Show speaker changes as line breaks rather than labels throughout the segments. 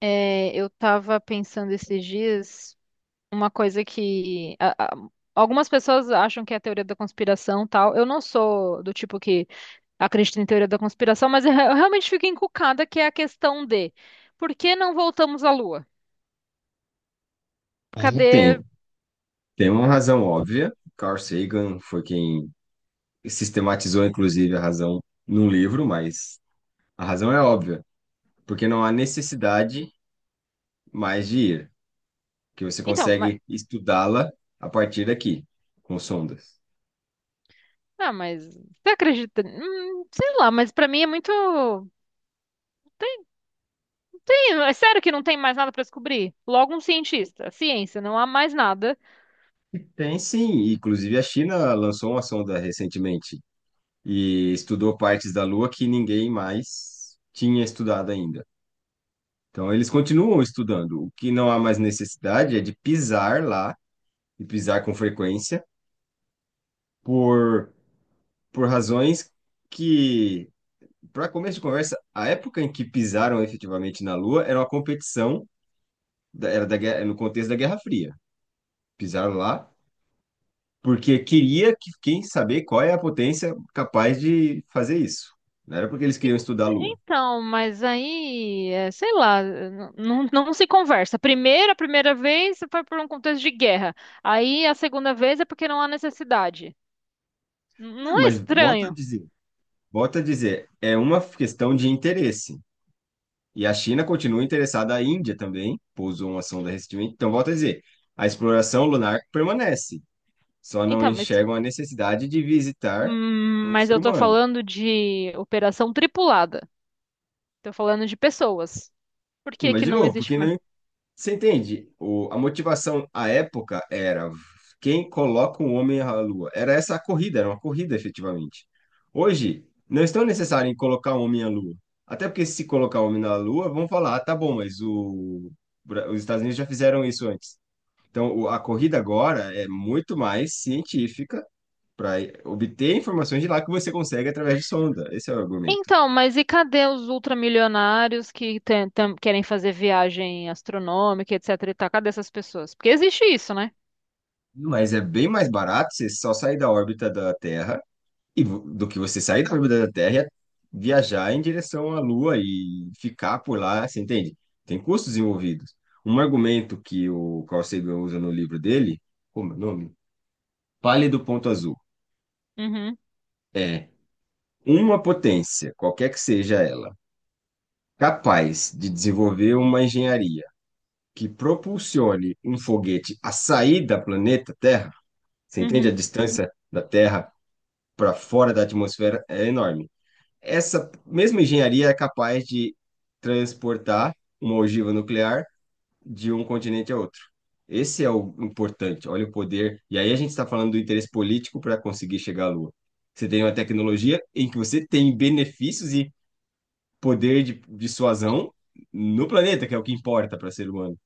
É, eu tava pensando esses dias uma coisa que algumas pessoas acham que é a teoria da conspiração, tal. Eu não sou do tipo que acredita em teoria da conspiração, mas eu realmente fico encucada que é a questão de por que não voltamos à Lua?
É,
Cadê?
tem, tem uma razão óbvia. Carl Sagan foi quem sistematizou, inclusive, a razão num livro, mas a razão é óbvia, porque não há necessidade mais de ir, que você
Então, mas,
consegue estudá-la a partir daqui, com sondas.
ah, mas você acredita? Sei lá, mas pra mim é tem, é sério que não tem mais nada pra descobrir? Logo um cientista, ciência, não há mais nada.
E tem sim, inclusive a China lançou uma sonda recentemente e estudou partes da Lua que ninguém mais tinha estudado ainda. Então eles continuam estudando. O que não há mais necessidade é de pisar lá, e pisar com frequência por, por razões que, para começo de conversa, a época em que pisaram efetivamente na Lua era uma competição, era da, no contexto da Guerra Fria. Pisaram lá porque queria que quem saber qual é a potência capaz de fazer isso. Não era porque eles queriam estudar a Lua.
Então, mas aí, é, sei lá, não, não se conversa. Primeiro, a primeira vez foi por um contexto de guerra. Aí a segunda vez é porque não há necessidade. Não
Não,
é
mas
estranho?
volta a dizer, é uma questão de interesse. E a China continua interessada, a Índia também pousou uma sonda recentemente. Então, volta a dizer, a exploração lunar permanece. Só não
Então,
enxergam a necessidade de visitar um
mas
ser
eu tô
humano.
falando de operação tripulada. Tô falando de pessoas. Por que
Mas,
que
de
não
novo,
existe
porque
mais?
não, você entende? O, a motivação à época era quem coloca um homem à lua. Era essa a corrida, era uma corrida, efetivamente. Hoje, não é tão necessário em colocar um homem à lua. Até porque se colocar um homem na lua, vão falar, ah, tá bom, mas o, os Estados Unidos já fizeram isso antes. Então, a corrida agora é muito mais científica para obter informações de lá que você consegue através de sonda. Esse é o argumento.
Então, mas e cadê os ultramilionários que querem fazer viagem astronômica, etc e tal? Cadê essas pessoas? Porque existe isso, né?
Mas é bem mais barato você só sair da órbita da Terra e do que você sair da órbita da Terra e viajar em direção à Lua e ficar por lá, você entende? Tem custos envolvidos. Um argumento que o Carl Sagan usa no livro dele, como é o nome? Pálido Ponto Azul,
Uhum,
é uma potência, qualquer que seja ela, capaz de desenvolver uma engenharia que propulsione um foguete a sair da planeta Terra, você entende a
uhum,
distância da Terra para fora da atmosfera é enorme. Essa mesma engenharia é capaz de transportar uma ogiva nuclear de um continente a outro. Esse é o importante. Olha o poder. E aí a gente está falando do interesse político para conseguir chegar à Lua. Você tem uma tecnologia em que você tem benefícios e poder de dissuasão no planeta, que é o que importa para ser humano.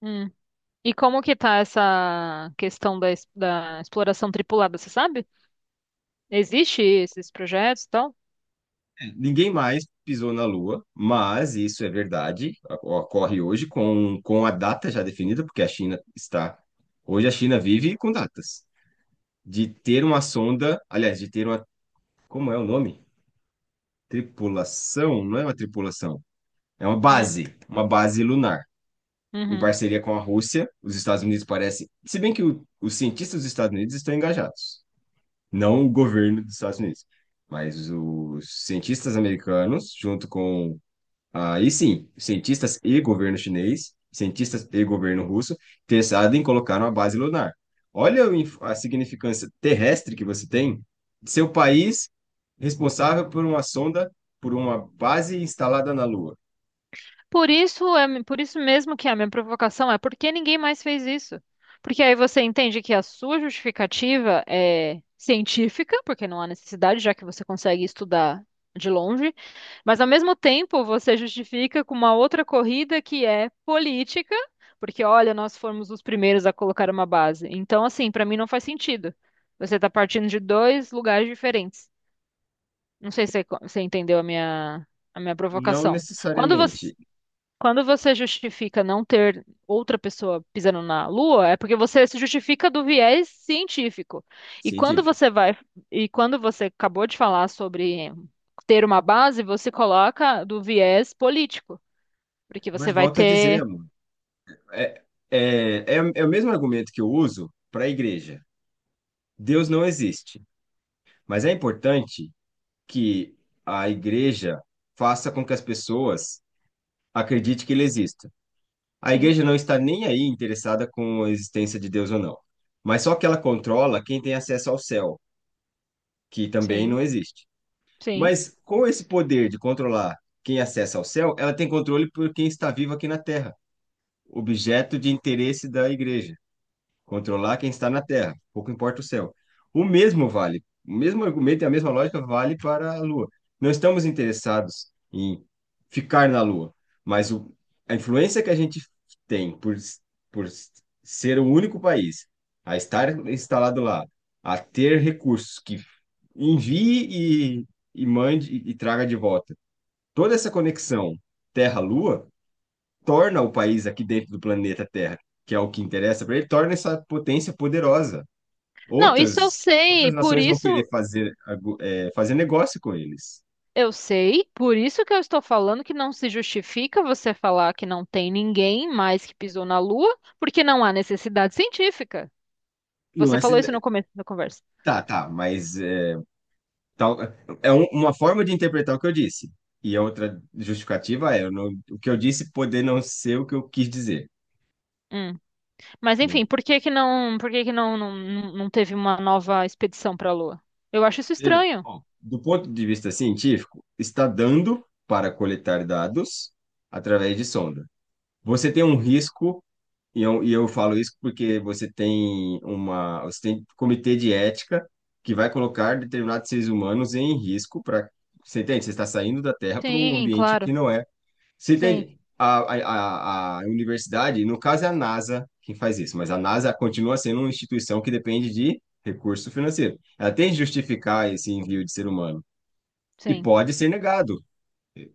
uhum. E como que tá essa questão da, da exploração tripulada, você sabe? Existe esses projetos e tal?
Ninguém mais pisou na Lua, mas isso é verdade, ocorre hoje com a data já definida, porque a China está. Hoje a China vive com datas. De ter uma sonda, aliás, de ter uma. Como é o nome? Tripulação? Não é uma tripulação, é
Hum,
uma base lunar, em
uhum.
parceria com a Rússia. Os Estados Unidos parecem. Se bem que os cientistas dos Estados Unidos estão engajados, não o governo dos Estados Unidos. Mas os cientistas americanos, junto com, aí sim, cientistas e governo chinês, cientistas e governo russo, interessados em colocar uma base lunar. Olha o a significância terrestre que você tem, seu país responsável por uma sonda, por uma base instalada na Lua.
Por isso é, por isso mesmo que é a minha provocação é por que ninguém mais fez isso? Porque aí você entende que a sua justificativa é científica, porque não há necessidade, já que você consegue estudar de longe, mas ao mesmo tempo você justifica com uma outra corrida que é política, porque olha, nós fomos os primeiros a colocar uma base. Então, assim, para mim não faz sentido. Você está partindo de dois lugares diferentes. Não sei se você você entendeu a minha
Não
provocação. Quando você
necessariamente
quando você justifica não ter outra pessoa pisando na Lua, é porque você se justifica do viés científico. E quando
científico.
você vai, e quando você acabou de falar sobre ter uma base, você coloca do viés político, porque você
Mas
vai
volto a
ter,
dizer, amor, é, é o mesmo argumento que eu uso para a igreja. Deus não existe, mas é importante que a igreja faça com que as pessoas acredite que ele exista. A
sim,
igreja não está nem aí interessada com a existência de Deus ou não, mas só que ela controla quem tem acesso ao céu, que também
sim,
não existe.
sim.
Mas com esse poder de controlar quem acessa ao céu, ela tem controle por quem está vivo aqui na terra, objeto de interesse da igreja. Controlar quem está na Terra, pouco importa o céu. O mesmo vale, o mesmo argumento e a mesma lógica vale para a Lua. Não estamos interessados em ficar na Lua, mas o, a influência que a gente tem por ser o único país a estar instalado lá, a ter recursos que envie e mande e traga de volta. Toda essa conexão Terra-Lua torna o país aqui dentro do planeta Terra, que é o que interessa para ele, torna essa potência poderosa.
Não, isso eu
Outras,
sei,
outras
por
nações vão querer
isso
fazer, é, fazer negócio com eles.
eu sei, por isso que eu estou falando que não se justifica você falar que não tem ninguém mais que pisou na Lua, porque não há necessidade científica.
Não
Você
é
falou isso no
se...
começo da conversa.
Tá, tá, mas é, tal... é uma forma de interpretar o que eu disse. E a outra justificativa é eu não- o que eu disse poder não ser o que eu quis dizer.
Hum. Mas enfim,
Hum.
por que que não, por que que não, não, não não teve uma nova expedição para a Lua? Eu acho isso
Entendeu?
estranho.
Ó, do ponto de vista científico, está dando para coletar dados através de sonda. Você tem um risco. E eu falo isso porque você tem uma, você tem comitê de ética que vai colocar determinados seres humanos em risco para, você entende? Você está saindo da Terra para um
Sim,
ambiente
claro.
que não é. Você
Sim,
entende? A universidade, no caso é a NASA quem faz isso, mas a NASA continua sendo uma instituição que depende de recurso financeiro. Ela tem que justificar esse envio de ser humano e
sim.
pode ser negado.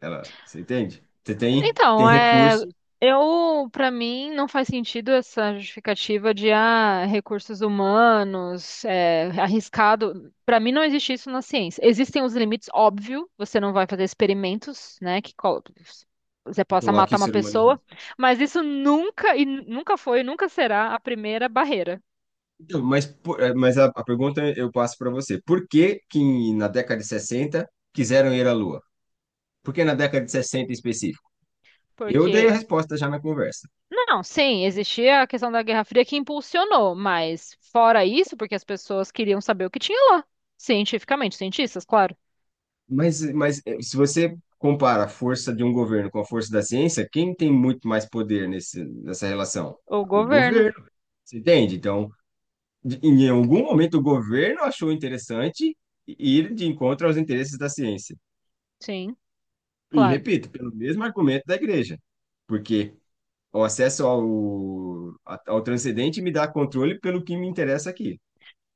Ela, você entende? Você tem, tem
Então, é,
recurso
eu, para mim, não faz sentido essa justificativa de ah, recursos humanos, é, arriscado. Para mim, não existe isso na ciência. Existem os limites, óbvio, você não vai fazer experimentos, né, que você
que
possa
coloca
matar
o
uma
ser humano em
pessoa,
risco.
mas isso nunca e nunca foi, e nunca será a primeira barreira,
Então, mas, mas a pergunta eu passo para você. Por que que na década de 60 quiseram ir à Lua? Por que na década de 60 em específico? Eu dei a
porque
resposta já na conversa.
não, sim, existia a questão da Guerra Fria que impulsionou, mas fora isso, porque as pessoas queriam saber o que tinha lá, cientificamente, cientistas, claro.
Mas se você compara a força de um governo com a força da ciência, quem tem muito mais poder nesse, nessa relação?
O
O
governo,
governo. Você entende? Então, em algum momento o governo achou interessante ir de encontro aos interesses da ciência.
sim,
E
claro.
repito, pelo mesmo argumento da igreja. Porque o acesso ao, ao transcendente me dá controle pelo que me interessa aqui.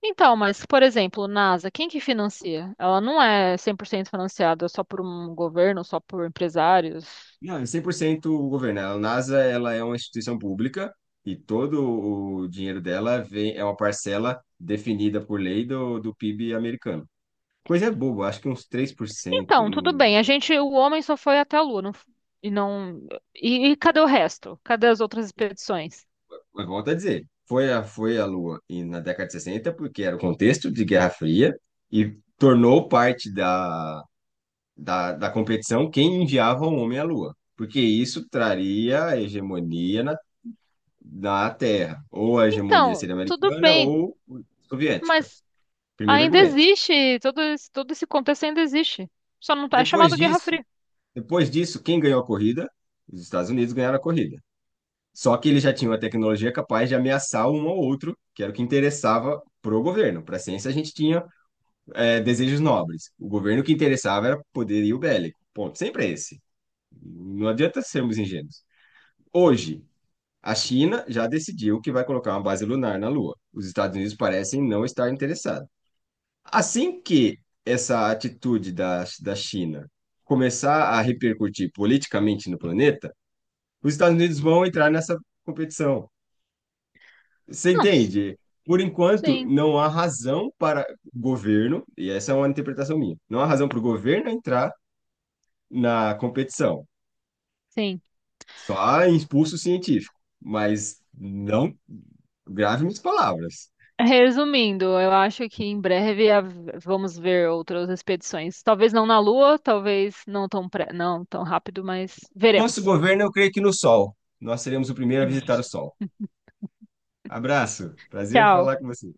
Então, mas, por exemplo, NASA, quem que financia? Ela não é 100% financiada só por um governo, só por empresários.
Não, é 100% o governo. A NASA, ela é uma instituição pública e todo o dinheiro dela vem, é uma parcela definida por lei do, do PIB americano. Coisa boba, acho que uns 3%.
Então, tudo
Hum.
bem, a gente, o homem só foi até a Lua, e não, e cadê o resto? Cadê as outras expedições?
Mas volto a dizer, foi a, foi a Lua e na década de 60 porque era o contexto de Guerra Fria e tornou parte da, da, da competição quem enviava o homem à Lua, porque isso traria a hegemonia na, na Terra, ou a hegemonia
Então,
seria
tudo
americana
bem,
ou soviética.
mas
Primeiro
ainda
argumento.
existe, todo esse contexto ainda existe. Só não tá, é
Depois
chamado Guerra
disso,
Fria.
depois disso, quem ganhou a corrida? Os Estados Unidos ganharam a corrida. Só que eles já tinham a tecnologia capaz de ameaçar um ao outro, que era o que interessava pro governo. Para a ciência, a gente tinha desejos nobres. O governo que interessava era poderio bélico. Ponto. Sempre é esse. Não adianta sermos ingênuos. Hoje, a China já decidiu que vai colocar uma base lunar na Lua. Os Estados Unidos parecem não estar interessados. Assim que essa atitude da, da China começar a repercutir politicamente no planeta, os Estados Unidos vão entrar nessa competição. Você
Não, s-
entende? Por enquanto,
sim,
não há razão para o governo, e essa é uma interpretação minha, não há razão para o governo entrar na competição.
sim.
Só há impulso científico, mas não grave minhas palavras.
Resumindo, eu acho que em breve vamos ver outras expedições. Talvez não na Lua, talvez não tão, pre- não tão rápido, mas
Nosso
veremos.
governo, eu creio que no Sol. Nós seremos o primeiro a visitar o Sol. Abraço. Prazer
Tchau.
falar com você.